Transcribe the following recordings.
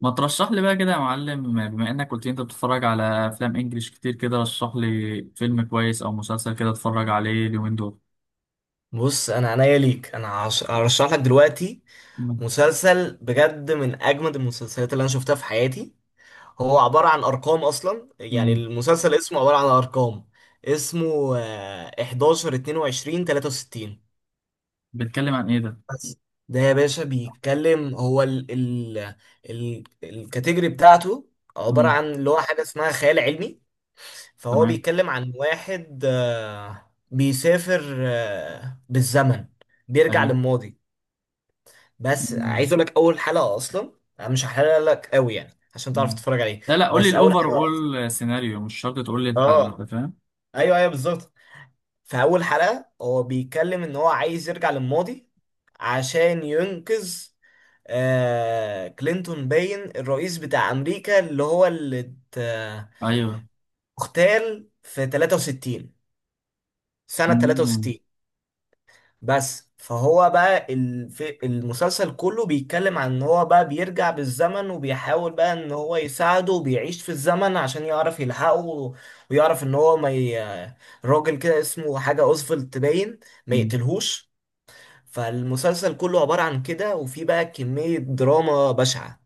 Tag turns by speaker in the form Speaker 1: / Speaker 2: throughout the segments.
Speaker 1: ما ترشح لي بقى كده يا معلم، بما انك قلت لي انت بتتفرج على افلام انجليش كتير كده، رشح لي فيلم كويس او مسلسل كده اتفرج عليه اليومين دول.
Speaker 2: بص، انا عنيا ليك. انا هرشح لك دلوقتي
Speaker 1: مم.
Speaker 2: مسلسل بجد من اجمد المسلسلات اللي انا شفتها في حياتي. هو عبارة عن ارقام اصلا، يعني
Speaker 1: مم.
Speaker 2: المسلسل اسمه عبارة عن ارقام. اسمه 11 22 63.
Speaker 1: بيتكلم عن ايه ده؟
Speaker 2: بس ده يا باشا بيتكلم، هو ال الكاتيجوري بتاعته عبارة
Speaker 1: مم.
Speaker 2: عن اللي هو حاجة اسمها خيال علمي. فهو
Speaker 1: تمام.
Speaker 2: بيتكلم عن واحد بيسافر بالزمن، بيرجع
Speaker 1: ايوه.
Speaker 2: للماضي. بس
Speaker 1: مم.
Speaker 2: عايز اقول لك، اول حلقه اصلا انا مش هحرق لك قوي يعني عشان تعرف
Speaker 1: مم.
Speaker 2: تتفرج عليه.
Speaker 1: لا، لا، قول لي
Speaker 2: بس اول
Speaker 1: الاوفر، اول سيناريو مش شرط تقول لي الحلقه، انت
Speaker 2: اه،
Speaker 1: فاهم؟
Speaker 2: ايوه ايوه بالظبط. في اول حلقه هو بيتكلم ان هو عايز يرجع للماضي عشان ينقذ آه كلينتون، باين الرئيس بتاع امريكا، اللي هو اللي ات- آه،
Speaker 1: ايوه.
Speaker 2: اغتال في 63، سنه
Speaker 1: مم.
Speaker 2: 63. بس فهو بقى المسلسل كله بيتكلم عن ان هو بقى بيرجع بالزمن وبيحاول بقى ان هو يساعده وبيعيش في الزمن عشان يعرف يلحقه ويعرف ان هو ما ي... راجل كده اسمه حاجة اوزفلد تباين، ما
Speaker 1: مم.
Speaker 2: يقتلهوش. فالمسلسل كله عبارة عن كده، وفي بقى كمية دراما بشعة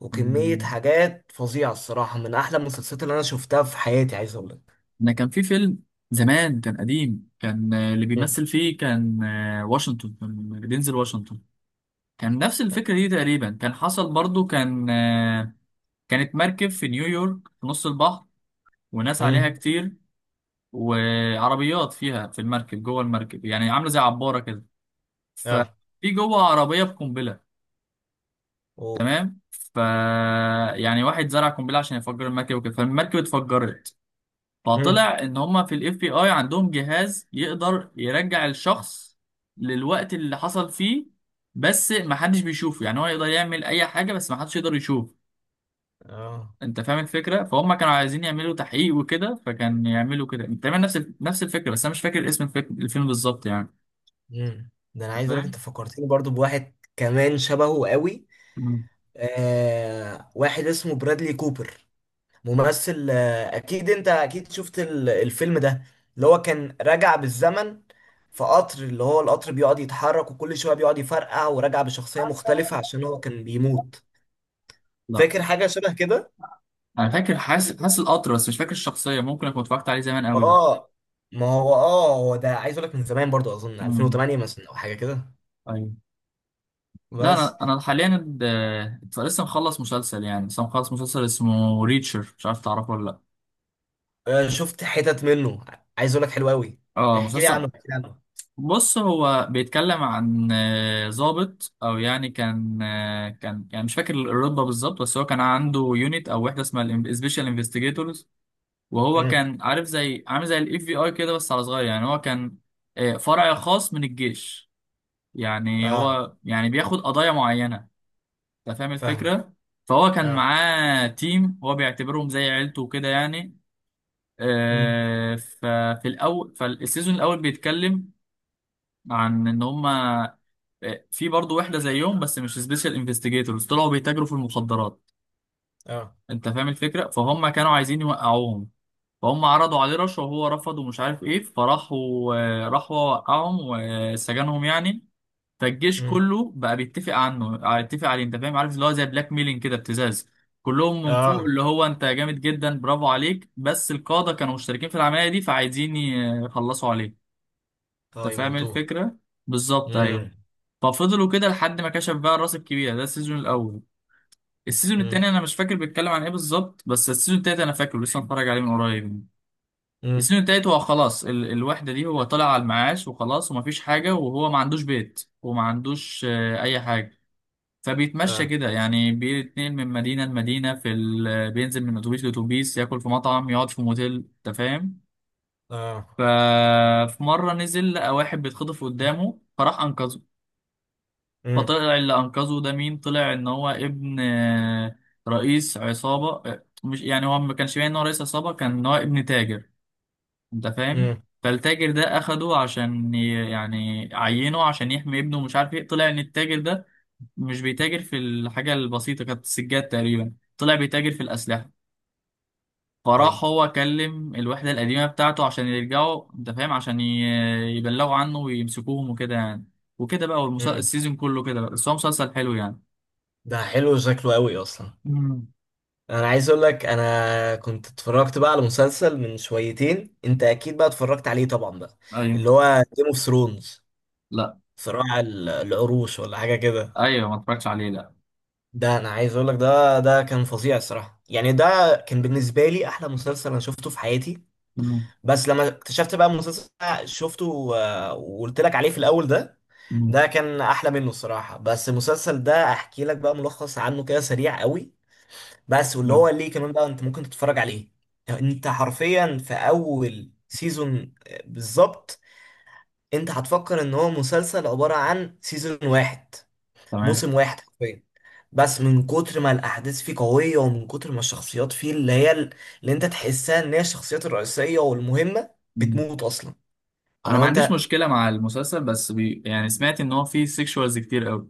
Speaker 2: وكمية
Speaker 1: مم.
Speaker 2: حاجات فظيعة الصراحة. من أحلى المسلسلات اللي أنا شفتها في حياتي، عايز أقول لك.
Speaker 1: انا كان في فيلم زمان، كان قديم، كان اللي
Speaker 2: مم.
Speaker 1: بيمثل فيه كان واشنطن، كان دينزل واشنطن. كان نفس الفكرة دي تقريبا، كان حصل برضو، كان كانت مركب في نيويورك في نص البحر، وناس عليها
Speaker 2: مم.
Speaker 1: كتير، وعربيات فيها في المركب، جوه المركب يعني عاملة زي عبارة كده. ففي
Speaker 2: آه.
Speaker 1: جوه عربية بقنبلة.
Speaker 2: أوه.
Speaker 1: تمام. يعني واحد زرع قنبلة عشان يفجر المركب وكده، فالمركب اتفجرت.
Speaker 2: مم.
Speaker 1: فطلع ان هما في FBI عندهم جهاز يقدر يرجع الشخص للوقت اللي حصل فيه، بس محدش بيشوفه، يعني هو يقدر يعمل اي حاجة بس محدش يقدر يشوف.
Speaker 2: آه.
Speaker 1: انت فاهم الفكره، فهم كانوا عايزين يعملوا تحقيق وكده، فكان يعملوا كده تقريبا نفس نفس الفكره، بس انا مش فاكر اسم الفيلم بالظبط يعني.
Speaker 2: مم. ده انا
Speaker 1: أنت
Speaker 2: عايز اقول لك، انت
Speaker 1: فاهم.
Speaker 2: فكرتني برضو بواحد كمان شبهه قوي.
Speaker 1: مم.
Speaker 2: آه، واحد اسمه برادلي كوبر، ممثل. آه اكيد انت اكيد شفت الفيلم ده، اللي هو كان راجع بالزمن في قطر، اللي هو القطر بيقعد يتحرك وكل شويه بيقعد يفرقع وراجع بشخصيه مختلفه عشان هو كان بيموت.
Speaker 1: لا
Speaker 2: فاكر حاجه شبه كده؟
Speaker 1: انا فاكر، حاسس القطر، بس مش فاكر الشخصيه، ممكن اكون اتفرجت عليه زمان قوي ده.
Speaker 2: اه. ما هو اه، هو ده عايز اقول لك من زمان برضو، اظن
Speaker 1: مم.
Speaker 2: 2008 مثلا او حاجه كده.
Speaker 1: ايوه. لا،
Speaker 2: بس.
Speaker 1: انا حاليا لسه مخلص مسلسل اسمه ريتشر، مش عارف تعرفه ولا لا؟
Speaker 2: آه، شفت حتت منه. عايز اقول لك، حلو قوي.
Speaker 1: اه،
Speaker 2: احكي لي
Speaker 1: مسلسل.
Speaker 2: عنه، احكي لي عنه.
Speaker 1: بص، هو بيتكلم عن ضابط، او يعني كان كان يعني مش فاكر الرتبه بالظبط، بس هو كان عنده يونت او وحده اسمها سبيشال انفستيجيتورز. وهو
Speaker 2: امم.
Speaker 1: كان عارف، زي عامل زي FBI كده بس على صغير، يعني هو كان فرع خاص من الجيش. يعني
Speaker 2: اه.
Speaker 1: هو يعني بياخد قضايا معينه. انت فاهم
Speaker 2: فاهمك.
Speaker 1: الفكره، فهو كان
Speaker 2: اه.
Speaker 1: معاه تيم هو بيعتبرهم زي عيلته وكده يعني.
Speaker 2: امم.
Speaker 1: ففي الاول، فالسيزون الاول بيتكلم عن ان هم في برضه وحده زيهم بس مش سبيشال انفستيجيتورز، طلعوا بيتاجروا في المخدرات.
Speaker 2: اه.
Speaker 1: انت فاهم الفكره، فهم كانوا عايزين يوقعوهم. فهم عرضوا عليه رشوه وهو رفض ومش عارف ايه، فراحوا راحوا وقعهم وسجنهم يعني. فالجيش
Speaker 2: امم.
Speaker 1: كله بقى بيتفق عنه آه، يتفق عليه، انت فاهم، عارف اللي هو زي بلاك ميلينج كده، ابتزاز. كلهم من فوق
Speaker 2: اه.
Speaker 1: اللي هو انت جامد جدا برافو عليك، بس القاده كانوا مشتركين في العمليه دي، فعايزين يخلصوا عليه.
Speaker 2: اه
Speaker 1: انت فاهم
Speaker 2: يموتوه.
Speaker 1: الفكرة؟ بالظبط،
Speaker 2: امم.
Speaker 1: ايوه. ففضلوا كده لحد ما كشف بقى الراس الكبيرة ده، السيزون الأول. السيزون
Speaker 2: امم.
Speaker 1: التاني أنا مش فاكر بيتكلم عن إيه بالظبط، بس السيزون التالت أنا فاكره لسه متفرج عليه من قريب.
Speaker 2: امم.
Speaker 1: السيزون التالت، هو خلاص الوحدة دي هو طالع على المعاش وخلاص، ومفيش حاجة، وهو ما عندوش بيت وما عندوش أي حاجة. فبيتمشى
Speaker 2: اه.
Speaker 1: كده، يعني بيتنقل من مدينة لمدينة، في ال بينزل من أتوبيس لأتوبيس، ياكل في مطعم، يقعد في موتيل، أنت فاهم؟
Speaker 2: اه.
Speaker 1: ففي مرة نزل لقى واحد بيتخطف قدامه، فراح أنقذه.
Speaker 2: امم.
Speaker 1: فطلع اللي انقذه ده مين، طلع ان هو ابن رئيس عصابة، مش يعني، هو ما كانش باين ان هو رئيس عصابة، كان ان هو ابن تاجر. انت فاهم.
Speaker 2: امم.
Speaker 1: فالتاجر ده اخده عشان يعني عينه عشان يحمي ابنه، ومش عارف ايه، طلع ان التاجر ده مش بيتاجر في الحاجة البسيطة، كانت السجاد تقريبا، طلع بيتاجر في الأسلحة. فراح
Speaker 2: طيب.
Speaker 1: هو كلم الوحدة القديمة بتاعته عشان يرجعوا، انت فاهم، عشان يبلغوا عنه ويمسكوهم وكده يعني. وكده بقى،
Speaker 2: امم.
Speaker 1: السيزون كله كده بقى، بس هو مسلسل حلو يعني.
Speaker 2: ده حلو شكله قوي اصلا.
Speaker 1: مم.
Speaker 2: انا عايز اقول لك، انا كنت اتفرجت بقى على مسلسل من شويتين، انت اكيد بقى اتفرجت عليه طبعا بقى، اللي
Speaker 1: ايوه.
Speaker 2: هو جيم اوف ثرونز،
Speaker 1: لا.
Speaker 2: صراع العروش ولا حاجه كده.
Speaker 1: ايوه، ما اتفرجتش عليه، لا.
Speaker 2: ده انا عايز اقول لك، ده كان فظيع الصراحه. يعني ده كان بالنسبه لي احلى مسلسل انا شفته في حياتي.
Speaker 1: مم.
Speaker 2: بس لما اكتشفت بقى المسلسل اللي أنا وقلت لك عليه في الاول ده،
Speaker 1: مم.
Speaker 2: ده كان احلى منه الصراحه. بس المسلسل ده احكي لك بقى ملخص عنه كده سريع قوي. بس، واللي هو
Speaker 1: لا.
Speaker 2: ليه كمان بقى انت ممكن تتفرج عليه. انت حرفيا في اول سيزون، بالظبط، انت هتفكر ان هو مسلسل عباره عن سيزون واحد،
Speaker 1: تمام.
Speaker 2: موسم واحد حرفيا. بس من كتر ما الاحداث فيه قويه، ومن كتر ما الشخصيات فيه اللي انت تحسها ان هي الشخصيات الرئيسيه والمهمه
Speaker 1: مم.
Speaker 2: بتموت اصلا.
Speaker 1: انا
Speaker 2: فلو
Speaker 1: ما عنديش
Speaker 2: انت،
Speaker 1: مشكله مع المسلسل، بس يعني سمعت ان هو فيه سيكشوالز كتير قوي.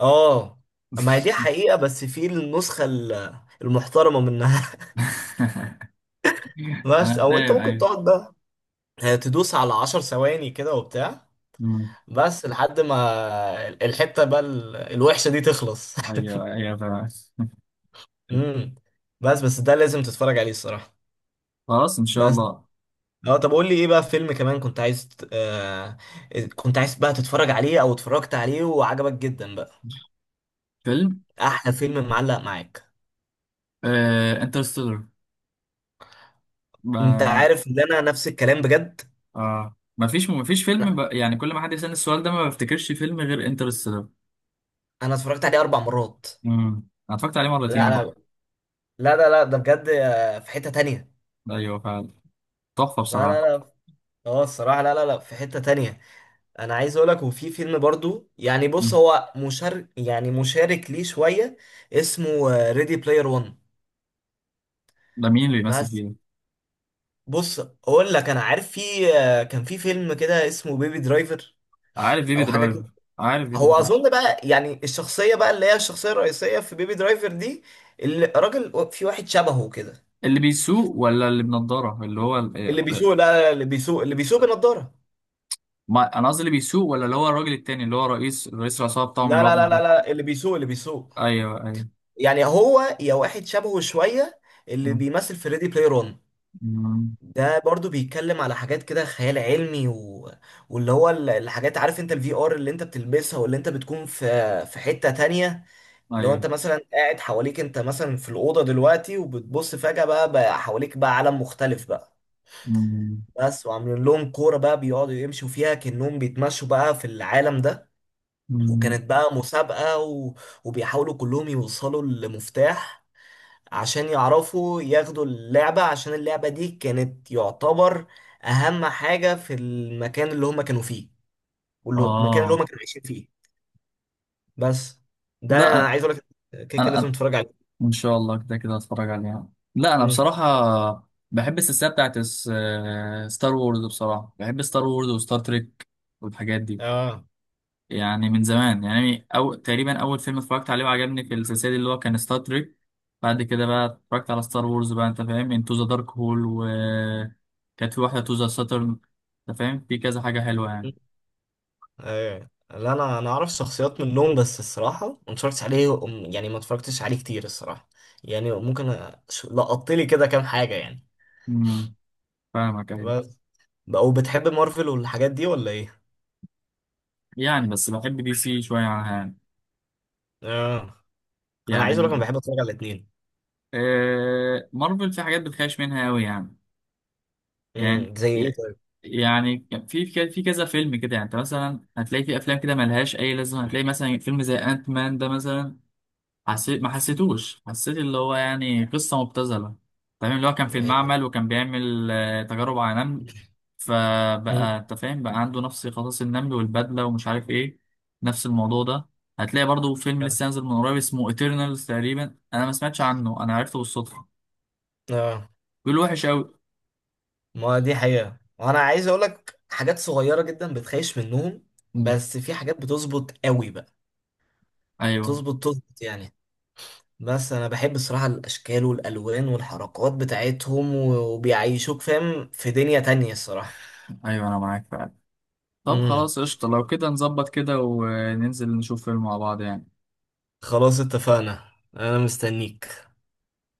Speaker 2: اه. ما هي دي حقيقه، بس في النسخه المحترمه منها. بس
Speaker 1: انا
Speaker 2: او انت
Speaker 1: فاهم،
Speaker 2: ممكن
Speaker 1: ايوه.
Speaker 2: تقعد بقى تدوس على عشر ثواني كده وبتاع،
Speaker 1: مم.
Speaker 2: بس لحد ما الحته بقى الوحشه دي تخلص.
Speaker 1: ايوه، ايوه، فاهم.
Speaker 2: امم. بس ده لازم تتفرج عليه الصراحه.
Speaker 1: خلاص، ان شاء
Speaker 2: بس
Speaker 1: الله.
Speaker 2: اه، طب قول لي ايه بقى، فيلم كمان كنت عايز كنت عايز بقى تتفرج عليه، او اتفرجت عليه وعجبك جدا بقى.
Speaker 1: فيلم
Speaker 2: احلى فيلم معلق معاك.
Speaker 1: انترستيلر.
Speaker 2: انت
Speaker 1: ما
Speaker 2: عارف ان انا نفس الكلام بجد.
Speaker 1: ما فيش فيلم،
Speaker 2: لا،
Speaker 1: يعني كل ما حد يسألني السؤال ده ما بفتكرش فيلم غير انترستيلر.
Speaker 2: انا اتفرجت عليه 4 مرات.
Speaker 1: انا اتفرجت عليه
Speaker 2: لا
Speaker 1: مرتين
Speaker 2: انا،
Speaker 1: بقى.
Speaker 2: لا لا لا ده بجد آه، في حتة تانية.
Speaker 1: ايوه فعلا، تحفه
Speaker 2: لا
Speaker 1: بصراحه.
Speaker 2: لا لا. اه الصراحة، لا لا لا، في حتة تانية. انا عايز اقولك، وفي فيلم برضو يعني، بص هو مشارك، يعني مشارك ليه شوية. اسمه ريدي بلاير 1.
Speaker 1: ده مين اللي بيمثل فيه ده؟
Speaker 2: بص اقول لك انا عارف، في كان في فيلم كده اسمه بيبي درايفر
Speaker 1: عارف بيبي
Speaker 2: او حاجه كده.
Speaker 1: درايفر عارف بيبي
Speaker 2: هو
Speaker 1: درايفر
Speaker 2: اظن بقى يعني الشخصيه بقى، اللي هي الشخصيه الرئيسيه في بيبي درايفر دي، الراجل في واحد شبهه كده.
Speaker 1: اللي بيسوق ولا اللي بنضاره، اللي هو
Speaker 2: اللي
Speaker 1: إيه،
Speaker 2: بيسوق لا لا لا، اللي بيسوق، اللي بيسوق بنضاره.
Speaker 1: ما انا قصدي اللي بيسوق، ولا اللي هو الراجل التاني اللي هو رئيس العصابه بتاعهم
Speaker 2: لا
Speaker 1: اللي هو
Speaker 2: لا لا لا
Speaker 1: بنضاره.
Speaker 2: لا، اللي بيسوق، اللي بيسوق.
Speaker 1: ايوه، ايوه.
Speaker 2: يعني هو يا واحد شبهه شويه اللي
Speaker 1: مم.
Speaker 2: بيمثل في ريدي بلاي رون.
Speaker 1: مم.
Speaker 2: ده برضو بيتكلم على حاجات كده خيال علمي واللي هو الحاجات عارف، انت الفي ار اللي انت بتلبسها واللي انت بتكون في في حتة تانية. لو انت
Speaker 1: ايوه.
Speaker 2: مثلا قاعد حواليك، انت مثلا في الاوضه دلوقتي وبتبص فجاه بقى, بقى حواليك بقى عالم مختلف بقى.
Speaker 1: مم.
Speaker 2: بس وعاملين لهم كوره بقى بيقعدوا يمشوا فيها كانهم بيتمشوا بقى في العالم ده.
Speaker 1: مم.
Speaker 2: وكانت بقى مسابقه وبيحاولوا كلهم يوصلوا لمفتاح عشان يعرفوا ياخدوا اللعبه، عشان اللعبه دي كانت يعتبر اهم حاجه في المكان اللي هم كانوا فيه والمكان اللي
Speaker 1: اه،
Speaker 2: هم كانوا عايشين فيه. بس، ده انا
Speaker 1: لا،
Speaker 2: عايز اقول لك، كده كده
Speaker 1: انا
Speaker 2: لازم تتفرج عليه.
Speaker 1: ان شاء الله كده كده هتفرج عليها. لا، انا
Speaker 2: مم.
Speaker 1: بصراحه بحب السلسله بتاعت ستار وورز، بصراحه بحب ستار وورز وستار تريك والحاجات دي.
Speaker 2: اه.
Speaker 1: يعني من زمان يعني، أو تقريبا أول فيلم اتفرجت عليه وعجبني في السلسلة دي اللي هو كان ستار تريك. بعد كده بقى اتفرجت على ستار وورز بقى، أنت فاهم، انتو ذا دارك هول، و كانت في واحدة تو ذا ساترن. أنت فاهم، في كذا حاجة حلوة يعني.
Speaker 2: ايه، لا انا، انا اعرف شخصيات منهم بس الصراحه ما اتفرجتش عليه. يعني ما اتفرجتش عليه كتير الصراحه. يعني ممكن لقطت لي كده كام حاجه يعني.
Speaker 1: امم فاهمك، أيوة.
Speaker 2: بس. بقى، وبتحب مارفل والحاجات دي ولا ايه؟
Speaker 1: يعني بس بحب DC شوية عنها يعني.
Speaker 2: اه، انا عايز
Speaker 1: يعني
Speaker 2: اقول لك انا بحب اتفرج على الاثنين.
Speaker 1: مارفل في حاجات بتخاش منها أوي يعني. يعني
Speaker 2: امم، زي ايه طيب؟
Speaker 1: يعني كان في كذا فيلم كده، يعني انت مثلا هتلاقي في افلام كده ملهاش اي لازمه، هتلاقي مثلا فيلم زي انت مان ده مثلا. حسيت، ما حسيتوش، حسيت اللي هو يعني قصة مبتذلة. تمام. اللي هو كان في
Speaker 2: إيه؟
Speaker 1: المعمل وكان بيعمل تجارب على نمل، فبقى
Speaker 2: مم.
Speaker 1: انت فاهم بقى، عنده نفس قصص النمل والبدلة ومش عارف ايه، نفس الموضوع ده. هتلاقي برضو فيلم لسه نازل من قريب، اسمه ايترنالز تقريبا، انا ما سمعتش عنه، انا عرفته بالصدفة،
Speaker 2: اه،
Speaker 1: بيقول وحش قوي.
Speaker 2: ما دي حقيقه. وانا عايز اقول لك حاجات صغيره جدا بتخيش منهم،
Speaker 1: مم.
Speaker 2: بس في حاجات بتظبط قوي بقى،
Speaker 1: ايوه،
Speaker 2: تظبط يعني. بس انا بحب الصراحه الاشكال والالوان والحركات وبيعيشوك فاهم في دنيا تانية الصراحه.
Speaker 1: ايوه، انا معاك فعلا. طب
Speaker 2: امم.
Speaker 1: خلاص، قشطة، لو كده نظبط كده وننزل نشوف فيلم مع بعض يعني.
Speaker 2: خلاص اتفقنا، انا مستنيك.